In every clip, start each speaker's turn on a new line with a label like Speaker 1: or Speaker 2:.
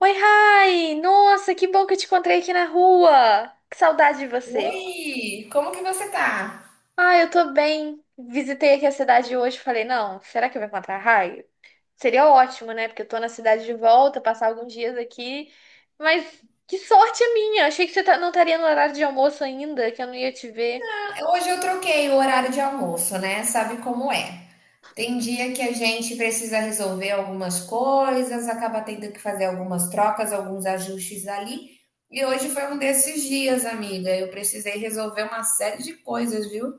Speaker 1: Oi, Rai! Nossa, que bom que eu te encontrei aqui na rua! Que saudade de você!
Speaker 2: Oi, como que você tá?
Speaker 1: Ah, eu tô bem. Visitei aqui a cidade hoje e falei, não, será que eu vou encontrar a Rai? Seria ótimo, né? Porque eu tô na cidade de volta, passar alguns dias aqui. Mas que sorte a minha! Achei que não estaria no horário de almoço ainda, que eu não ia te ver.
Speaker 2: Hoje eu troquei o horário de almoço, né? Sabe como é? Tem dia que a gente precisa resolver algumas coisas, acaba tendo que fazer algumas trocas, alguns ajustes ali. E hoje foi um desses dias, amiga. Eu precisei resolver uma série de coisas, viu?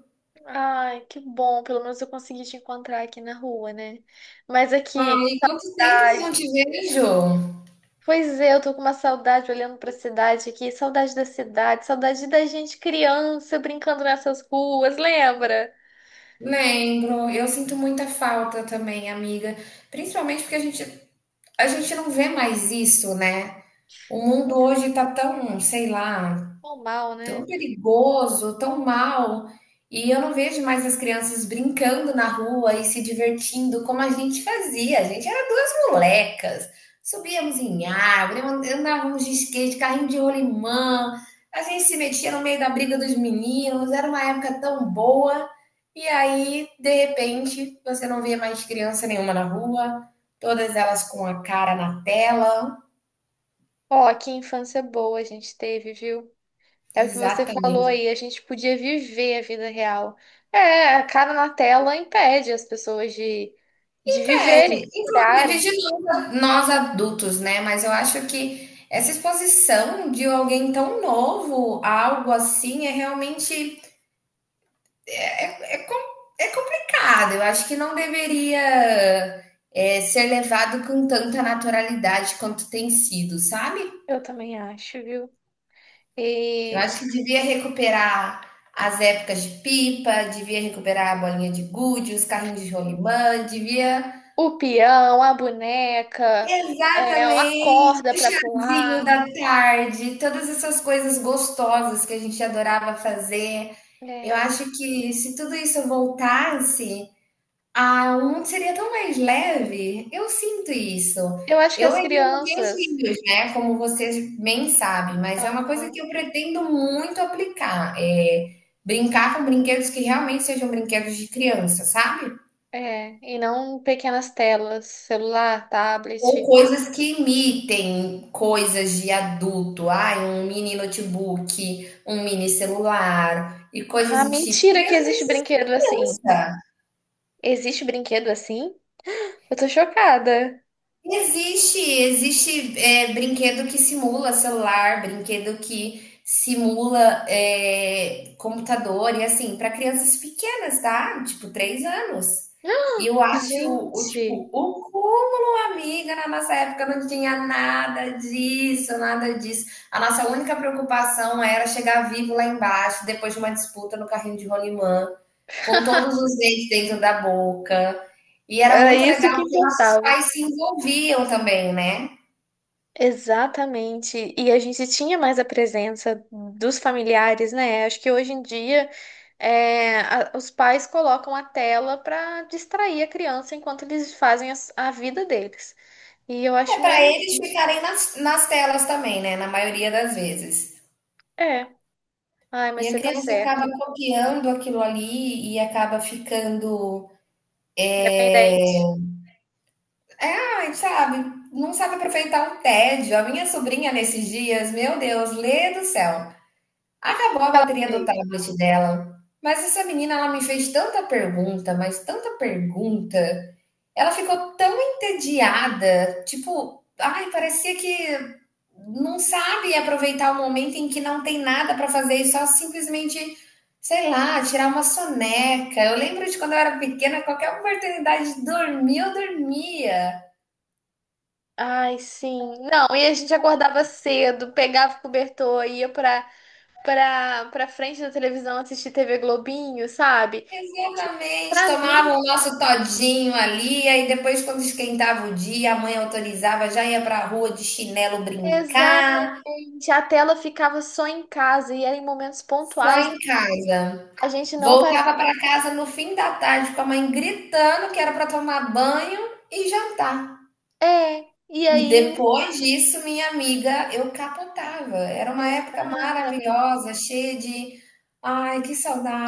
Speaker 1: Ai, que bom. Pelo menos eu consegui te encontrar aqui na rua, né? Mas aqui, que
Speaker 2: Ai, quanto tempo que não
Speaker 1: cidade?
Speaker 2: te vejo?
Speaker 1: Pois é, eu tô com uma saudade olhando pra cidade aqui, saudade da cidade, saudade da gente criança brincando nessas ruas, lembra?
Speaker 2: Lembro, eu sinto muita falta também, amiga. Principalmente porque a gente não vê mais isso, né? O
Speaker 1: Não
Speaker 2: mundo hoje está tão, sei lá,
Speaker 1: mal,
Speaker 2: tão
Speaker 1: né?
Speaker 2: perigoso, tão mal, e eu não vejo mais as crianças brincando na rua e se divertindo como a gente fazia. A gente era duas molecas, subíamos em árvore, andávamos de skate, carrinho de rolimã, a gente se metia no meio da briga dos meninos, era uma época tão boa. E aí, de repente, você não vê mais criança nenhuma na rua, todas elas com a cara na tela.
Speaker 1: Ó, que infância boa a gente teve, viu? É o que você falou
Speaker 2: Exatamente.
Speaker 1: aí, a gente podia viver a vida real. É, a cara na tela impede as pessoas de viverem, de
Speaker 2: Pede. Inclusive
Speaker 1: curarem.
Speaker 2: de nós, nós adultos, né? Mas eu acho que essa exposição de alguém tão novo a algo assim é realmente é complicado. Eu acho que não deveria ser levado com tanta naturalidade quanto tem sido, sabe?
Speaker 1: Eu também acho, viu?
Speaker 2: Eu
Speaker 1: E
Speaker 2: acho que devia recuperar as épocas de pipa, devia recuperar a bolinha de gude, os carrinhos de rolimã, devia.
Speaker 1: o peão, a boneca, é, a
Speaker 2: Exatamente,
Speaker 1: corda
Speaker 2: o
Speaker 1: pra
Speaker 2: chazinho
Speaker 1: pular.
Speaker 2: da tarde, todas essas coisas gostosas que a gente adorava fazer. Eu
Speaker 1: É,
Speaker 2: acho que se tudo isso voltasse, ah, o mundo seria tão mais leve. Eu sinto isso.
Speaker 1: eu acho que
Speaker 2: Eu
Speaker 1: as
Speaker 2: ainda não tenho
Speaker 1: crianças,
Speaker 2: filhos, né? Como vocês bem sabem, mas é uma coisa que
Speaker 1: aham,
Speaker 2: eu pretendo muito aplicar. É brincar com brinquedos que realmente sejam brinquedos de criança, sabe?
Speaker 1: é, e não pequenas telas, celular,
Speaker 2: Ou
Speaker 1: tablet.
Speaker 2: coisas que imitem coisas de adulto, ai, um mini notebook, um mini celular e coisas
Speaker 1: Ah,
Speaker 2: do tipo.
Speaker 1: mentira que
Speaker 2: Criança vai
Speaker 1: existe
Speaker 2: ser
Speaker 1: brinquedo assim.
Speaker 2: criança.
Speaker 1: Existe brinquedo assim? Eu tô chocada.
Speaker 2: Existe, existe brinquedo que simula celular, brinquedo que simula computador, e assim, para crianças pequenas, tá? Tipo, 3 anos. E eu acho o
Speaker 1: Gente,
Speaker 2: tipo, o cúmulo, amiga, na nossa época não tinha nada disso, nada disso. A nossa única preocupação era chegar vivo lá embaixo, depois de uma disputa no carrinho de rolimã, com todos os dentes dentro da boca. E era
Speaker 1: era
Speaker 2: muito
Speaker 1: isso
Speaker 2: legal
Speaker 1: que
Speaker 2: porque nossos
Speaker 1: importava.
Speaker 2: pais se envolviam também, né?
Speaker 1: Exatamente. E a gente tinha mais a presença dos familiares, né? Acho que hoje em dia é, os pais colocam a tela para distrair a criança enquanto eles fazem a vida deles. E eu
Speaker 2: É
Speaker 1: acho
Speaker 2: para
Speaker 1: meio.
Speaker 2: eles ficarem nas telas também, né? Na maioria das vezes.
Speaker 1: É. Ai, mas
Speaker 2: E a
Speaker 1: você tá
Speaker 2: criança acaba
Speaker 1: certa.
Speaker 2: copiando aquilo ali e acaba ficando.
Speaker 1: Independente.
Speaker 2: É, sabe? Não sabe aproveitar o tédio. A minha sobrinha nesses dias, meu Deus, lê do céu. Acabou a
Speaker 1: Ela
Speaker 2: bateria do
Speaker 1: fez.
Speaker 2: tablet dela. Mas essa menina, ela me fez tanta pergunta, mas tanta pergunta. Ela ficou tão entediada, tipo, ai, parecia que não sabe aproveitar o momento em que não tem nada para fazer e só simplesmente, sei lá, tirar uma soneca. Eu lembro de quando eu era pequena, qualquer oportunidade de dormir, eu dormia.
Speaker 1: Ai, sim. Não, e a gente acordava cedo, pegava o cobertor, ia pra frente da televisão assistir TV Globinho, sabe? Tipo,
Speaker 2: Exatamente,
Speaker 1: pra mim,
Speaker 2: tomava o nosso todinho ali, aí depois, quando esquentava o dia, a mãe autorizava, já ia pra rua de chinelo brincar,
Speaker 1: exatamente. A tela ficava só em casa e era em momentos
Speaker 2: só
Speaker 1: pontuais.
Speaker 2: em casa.
Speaker 1: A gente não.
Speaker 2: Voltava para casa no fim da tarde com a mãe gritando que era para tomar banho e jantar.
Speaker 1: É, e
Speaker 2: E
Speaker 1: aí.
Speaker 2: depois disso, minha amiga, eu capotava. Era uma época
Speaker 1: Exatamente.
Speaker 2: maravilhosa, cheia de ai, que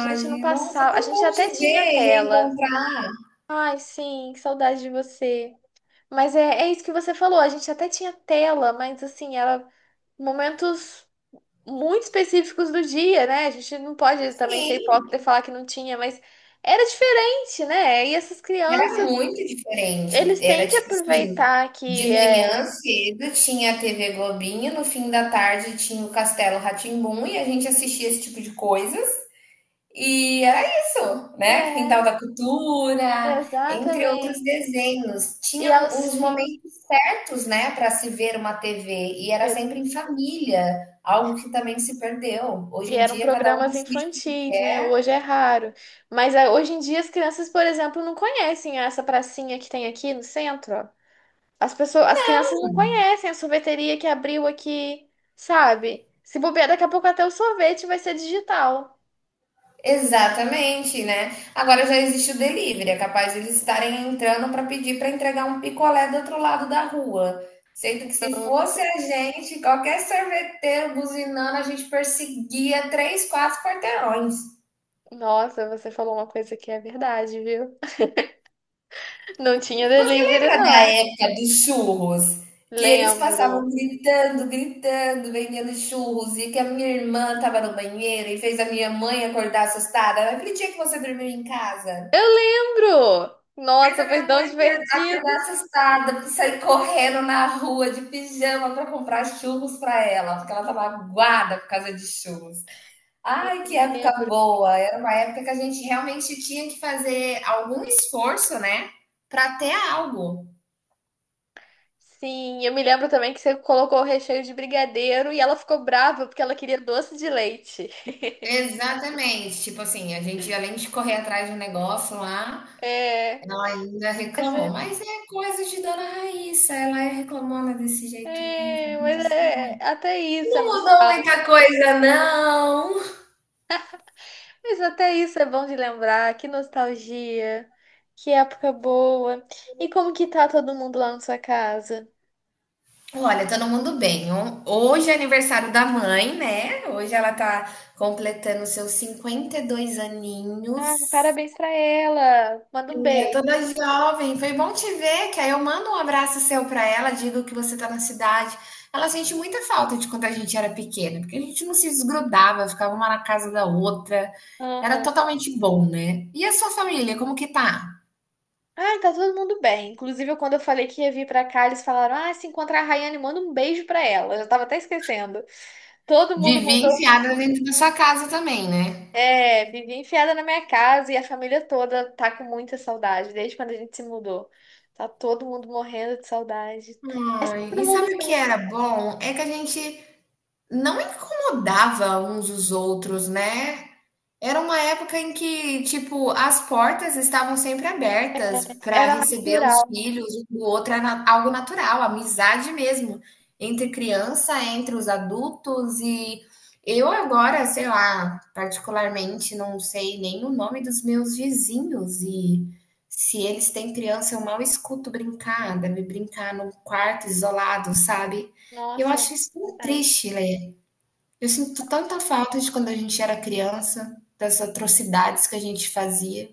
Speaker 1: A gente não
Speaker 2: Nossa, é
Speaker 1: passava. A
Speaker 2: tão
Speaker 1: gente
Speaker 2: bom te
Speaker 1: até
Speaker 2: ver,
Speaker 1: tinha tela.
Speaker 2: reencontrar.
Speaker 1: Ai, sim, que saudade de você. Mas é, é isso que você falou. A gente até tinha tela, mas assim, era momentos muito específicos do dia, né? A gente não pode também ser
Speaker 2: Sim,
Speaker 1: hipócrita e falar que não tinha, mas era diferente, né? E essas
Speaker 2: era
Speaker 1: crianças,
Speaker 2: muito diferente.
Speaker 1: eles
Speaker 2: Era
Speaker 1: têm que
Speaker 2: tipo assim,
Speaker 1: aproveitar que
Speaker 2: de
Speaker 1: é.
Speaker 2: manhã cedo tinha a TV Globinho, no fim da tarde tinha o Castelo rá tim e a gente assistia esse tipo de coisas. E era isso, né? Quintal
Speaker 1: É,
Speaker 2: da Cultura, entre outros
Speaker 1: exatamente.
Speaker 2: desenhos.
Speaker 1: E aos
Speaker 2: Tinham uns
Speaker 1: fins.
Speaker 2: momentos certos, né, para se ver uma TV, e era sempre em família, algo que também se perdeu. Hoje
Speaker 1: E
Speaker 2: em
Speaker 1: eram
Speaker 2: dia, cada um
Speaker 1: programas
Speaker 2: assiste o que
Speaker 1: infantis, né?
Speaker 2: quer.
Speaker 1: Hoje é raro. Mas ah, hoje em dia as crianças, por exemplo, não conhecem essa pracinha que tem aqui no centro. As pessoas, as crianças não conhecem a sorveteria que abriu aqui, sabe? Se bobear, daqui a pouco até o sorvete vai ser digital.
Speaker 2: Exatamente, né? Agora já existe o delivery, é capaz de eles estarem entrando para pedir para entregar um picolé do outro lado da rua. Sendo que se fosse a gente, qualquer sorveteiro buzinando, a gente perseguia 3, 4 quarteirões.
Speaker 1: Nossa, você falou uma coisa que é verdade, viu? Não tinha
Speaker 2: Você
Speaker 1: delivery,
Speaker 2: lembra da
Speaker 1: não.
Speaker 2: época dos churros? Que eles passavam
Speaker 1: Lembro.
Speaker 2: gritando, gritando, vendendo churros, e que a minha irmã estava no banheiro e fez a minha mãe acordar assustada. Naquele dia que você dormiu em casa,
Speaker 1: Eu lembro!
Speaker 2: fez
Speaker 1: Nossa,
Speaker 2: a
Speaker 1: foi
Speaker 2: minha
Speaker 1: tão
Speaker 2: mãe acordar
Speaker 1: divertido.
Speaker 2: assustada, sair correndo na rua de pijama para comprar churros para ela, porque ela estava aguada por causa de churros. Ai, que época
Speaker 1: Lembro.
Speaker 2: boa! Era uma época que a gente realmente tinha que fazer algum esforço, né, para ter algo.
Speaker 1: Sim, eu me lembro também que você colocou o recheio de brigadeiro e ela ficou brava porque ela queria doce de leite.
Speaker 2: Exatamente. Tipo assim, a gente, além de correr atrás de um negócio lá,
Speaker 1: É,
Speaker 2: ela ainda
Speaker 1: mas
Speaker 2: reclamou. Mas é coisa de Dona Raíssa, ela é reclamona desse jeito mesmo. A gente
Speaker 1: mas
Speaker 2: sabe.
Speaker 1: é até isso, é
Speaker 2: Não mudou
Speaker 1: nostálgico.
Speaker 2: muita coisa, não.
Speaker 1: Mas até isso é bom de lembrar, que nostalgia, que época boa. E como que tá todo mundo lá na sua casa?
Speaker 2: Olha, todo mundo bem. Hoje é aniversário da mãe, né? Hoje ela tá completando seus 52 aninhos.
Speaker 1: Ah, parabéns pra ela. Manda um
Speaker 2: É
Speaker 1: beijo.
Speaker 2: toda jovem. Foi bom te ver, que aí eu mando um abraço seu para ela, digo que você está na cidade. Ela sente muita falta de quando a gente era pequena, porque a gente não se desgrudava, ficava uma na casa da outra. Era
Speaker 1: Aham.
Speaker 2: totalmente bom, né? E a sua família, como que tá?
Speaker 1: Ah, tá todo mundo bem. Inclusive, quando eu falei que ia vir pra cá, eles falaram: ah, se encontrar a Rayane, manda um beijo pra ela. Eu já tava até esquecendo. Todo mundo
Speaker 2: Vivia
Speaker 1: mandou.
Speaker 2: enfiada dentro da sua casa também, né?
Speaker 1: É, vivi enfiada na minha casa e a família toda tá com muita saudade, desde quando a gente se mudou. Tá todo mundo morrendo de saudade. Mas tá
Speaker 2: Ai,
Speaker 1: todo
Speaker 2: e
Speaker 1: mundo
Speaker 2: sabe o que
Speaker 1: bem.
Speaker 2: era bom? É que a gente não incomodava uns os outros, né? Era uma época em que, tipo, as portas estavam sempre abertas para
Speaker 1: Era
Speaker 2: receber os
Speaker 1: natural.
Speaker 2: filhos um do outro, era algo natural, amizade mesmo, entre criança, entre os adultos, e eu agora, sei lá, particularmente, não sei nem o nome dos meus vizinhos, e se eles têm criança, eu mal escuto brincar, deve brincar num quarto isolado, sabe? E eu
Speaker 1: Nossa,
Speaker 2: acho isso tão
Speaker 1: verdade.
Speaker 2: triste, Lê. Eu sinto tanta falta de quando a gente era criança, das atrocidades que a gente fazia.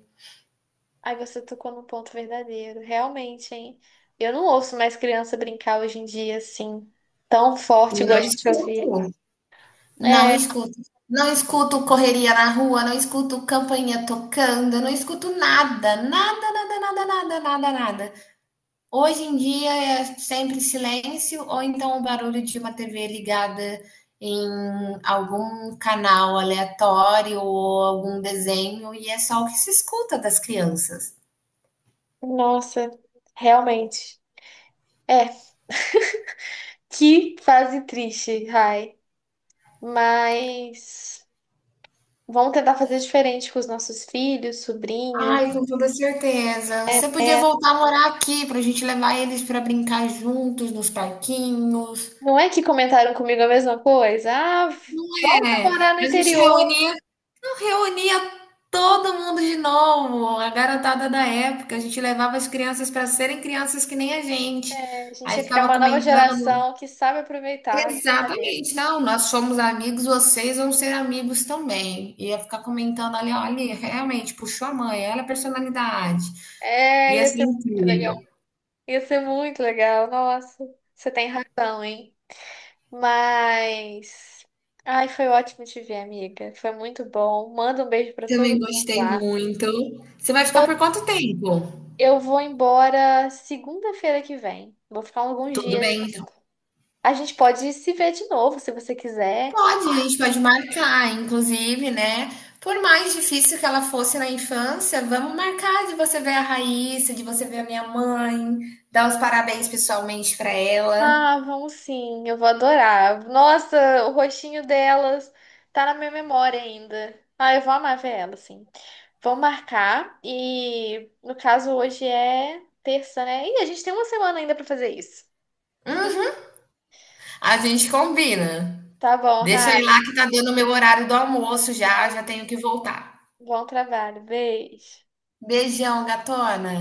Speaker 1: Aí você tocou num ponto verdadeiro. Realmente, hein? Eu não ouço mais criança brincar hoje em dia assim, tão
Speaker 2: E
Speaker 1: forte igual
Speaker 2: não
Speaker 1: a gente ouvia.
Speaker 2: escuto, não
Speaker 1: É,
Speaker 2: escuto. Não escuto correria na rua, não escuto campainha tocando, não escuto nada, nada, nada, nada, nada, nada, nada. Hoje em dia é sempre silêncio ou então o barulho de uma TV ligada em algum canal aleatório ou algum desenho e é só o que se escuta das crianças.
Speaker 1: nossa, realmente. É, que fase triste, Rai. Mas vamos tentar fazer diferente com os nossos filhos, sobrinhos.
Speaker 2: Ai, com toda certeza.
Speaker 1: É,
Speaker 2: Você podia
Speaker 1: né?
Speaker 2: voltar a morar aqui pra gente levar eles pra brincar juntos nos parquinhos.
Speaker 1: Não é que comentaram comigo a mesma coisa? Ah, volta a morar no
Speaker 2: É, a gente
Speaker 1: interior.
Speaker 2: reunia, não, reunia todo mundo de novo, a garotada da época. A gente levava as crianças pra serem crianças que nem a gente.
Speaker 1: É, a gente
Speaker 2: Aí
Speaker 1: ia criar
Speaker 2: ficava
Speaker 1: uma nova
Speaker 2: comentando.
Speaker 1: geração que sabe aproveitar as brincadeiras.
Speaker 2: Exatamente, não, nós somos amigos, vocês vão ser amigos também. Ia ficar comentando ali, olha, realmente puxou a mãe, olha a personalidade. E
Speaker 1: É, ia ser
Speaker 2: assim,
Speaker 1: muito legal. Ia ser muito legal. Nossa, você tem razão, hein? Mas. Ai, foi ótimo te ver, amiga. Foi muito bom. Manda um beijo pra todo
Speaker 2: também
Speaker 1: mundo
Speaker 2: gostei
Speaker 1: lá.
Speaker 2: muito. Você vai ficar por quanto tempo?
Speaker 1: Eu vou embora segunda-feira que vem. Vou ficar alguns
Speaker 2: Tudo
Speaker 1: dias
Speaker 2: bem, então.
Speaker 1: ainda. A gente pode se ver de novo, se você quiser.
Speaker 2: Pode, a gente pode marcar, inclusive, né? Por mais difícil que ela fosse na infância, vamos marcar de você ver a Raíssa, de você ver a minha mãe, dar os parabéns pessoalmente pra ela.
Speaker 1: Ah, vamos sim, eu vou adorar. Nossa, o rostinho delas tá na minha memória ainda. Ah, eu vou amar ver elas, sim. Vamos marcar e, no caso, hoje é terça, né? Ih, a gente tem uma semana ainda pra fazer isso.
Speaker 2: Hum, a gente combina.
Speaker 1: Tá bom,
Speaker 2: Deixa eu ir
Speaker 1: Rai.
Speaker 2: lá que tá dando o meu horário do almoço já, já tenho que voltar.
Speaker 1: Bom trabalho. Beijo.
Speaker 2: Beijão, gatona.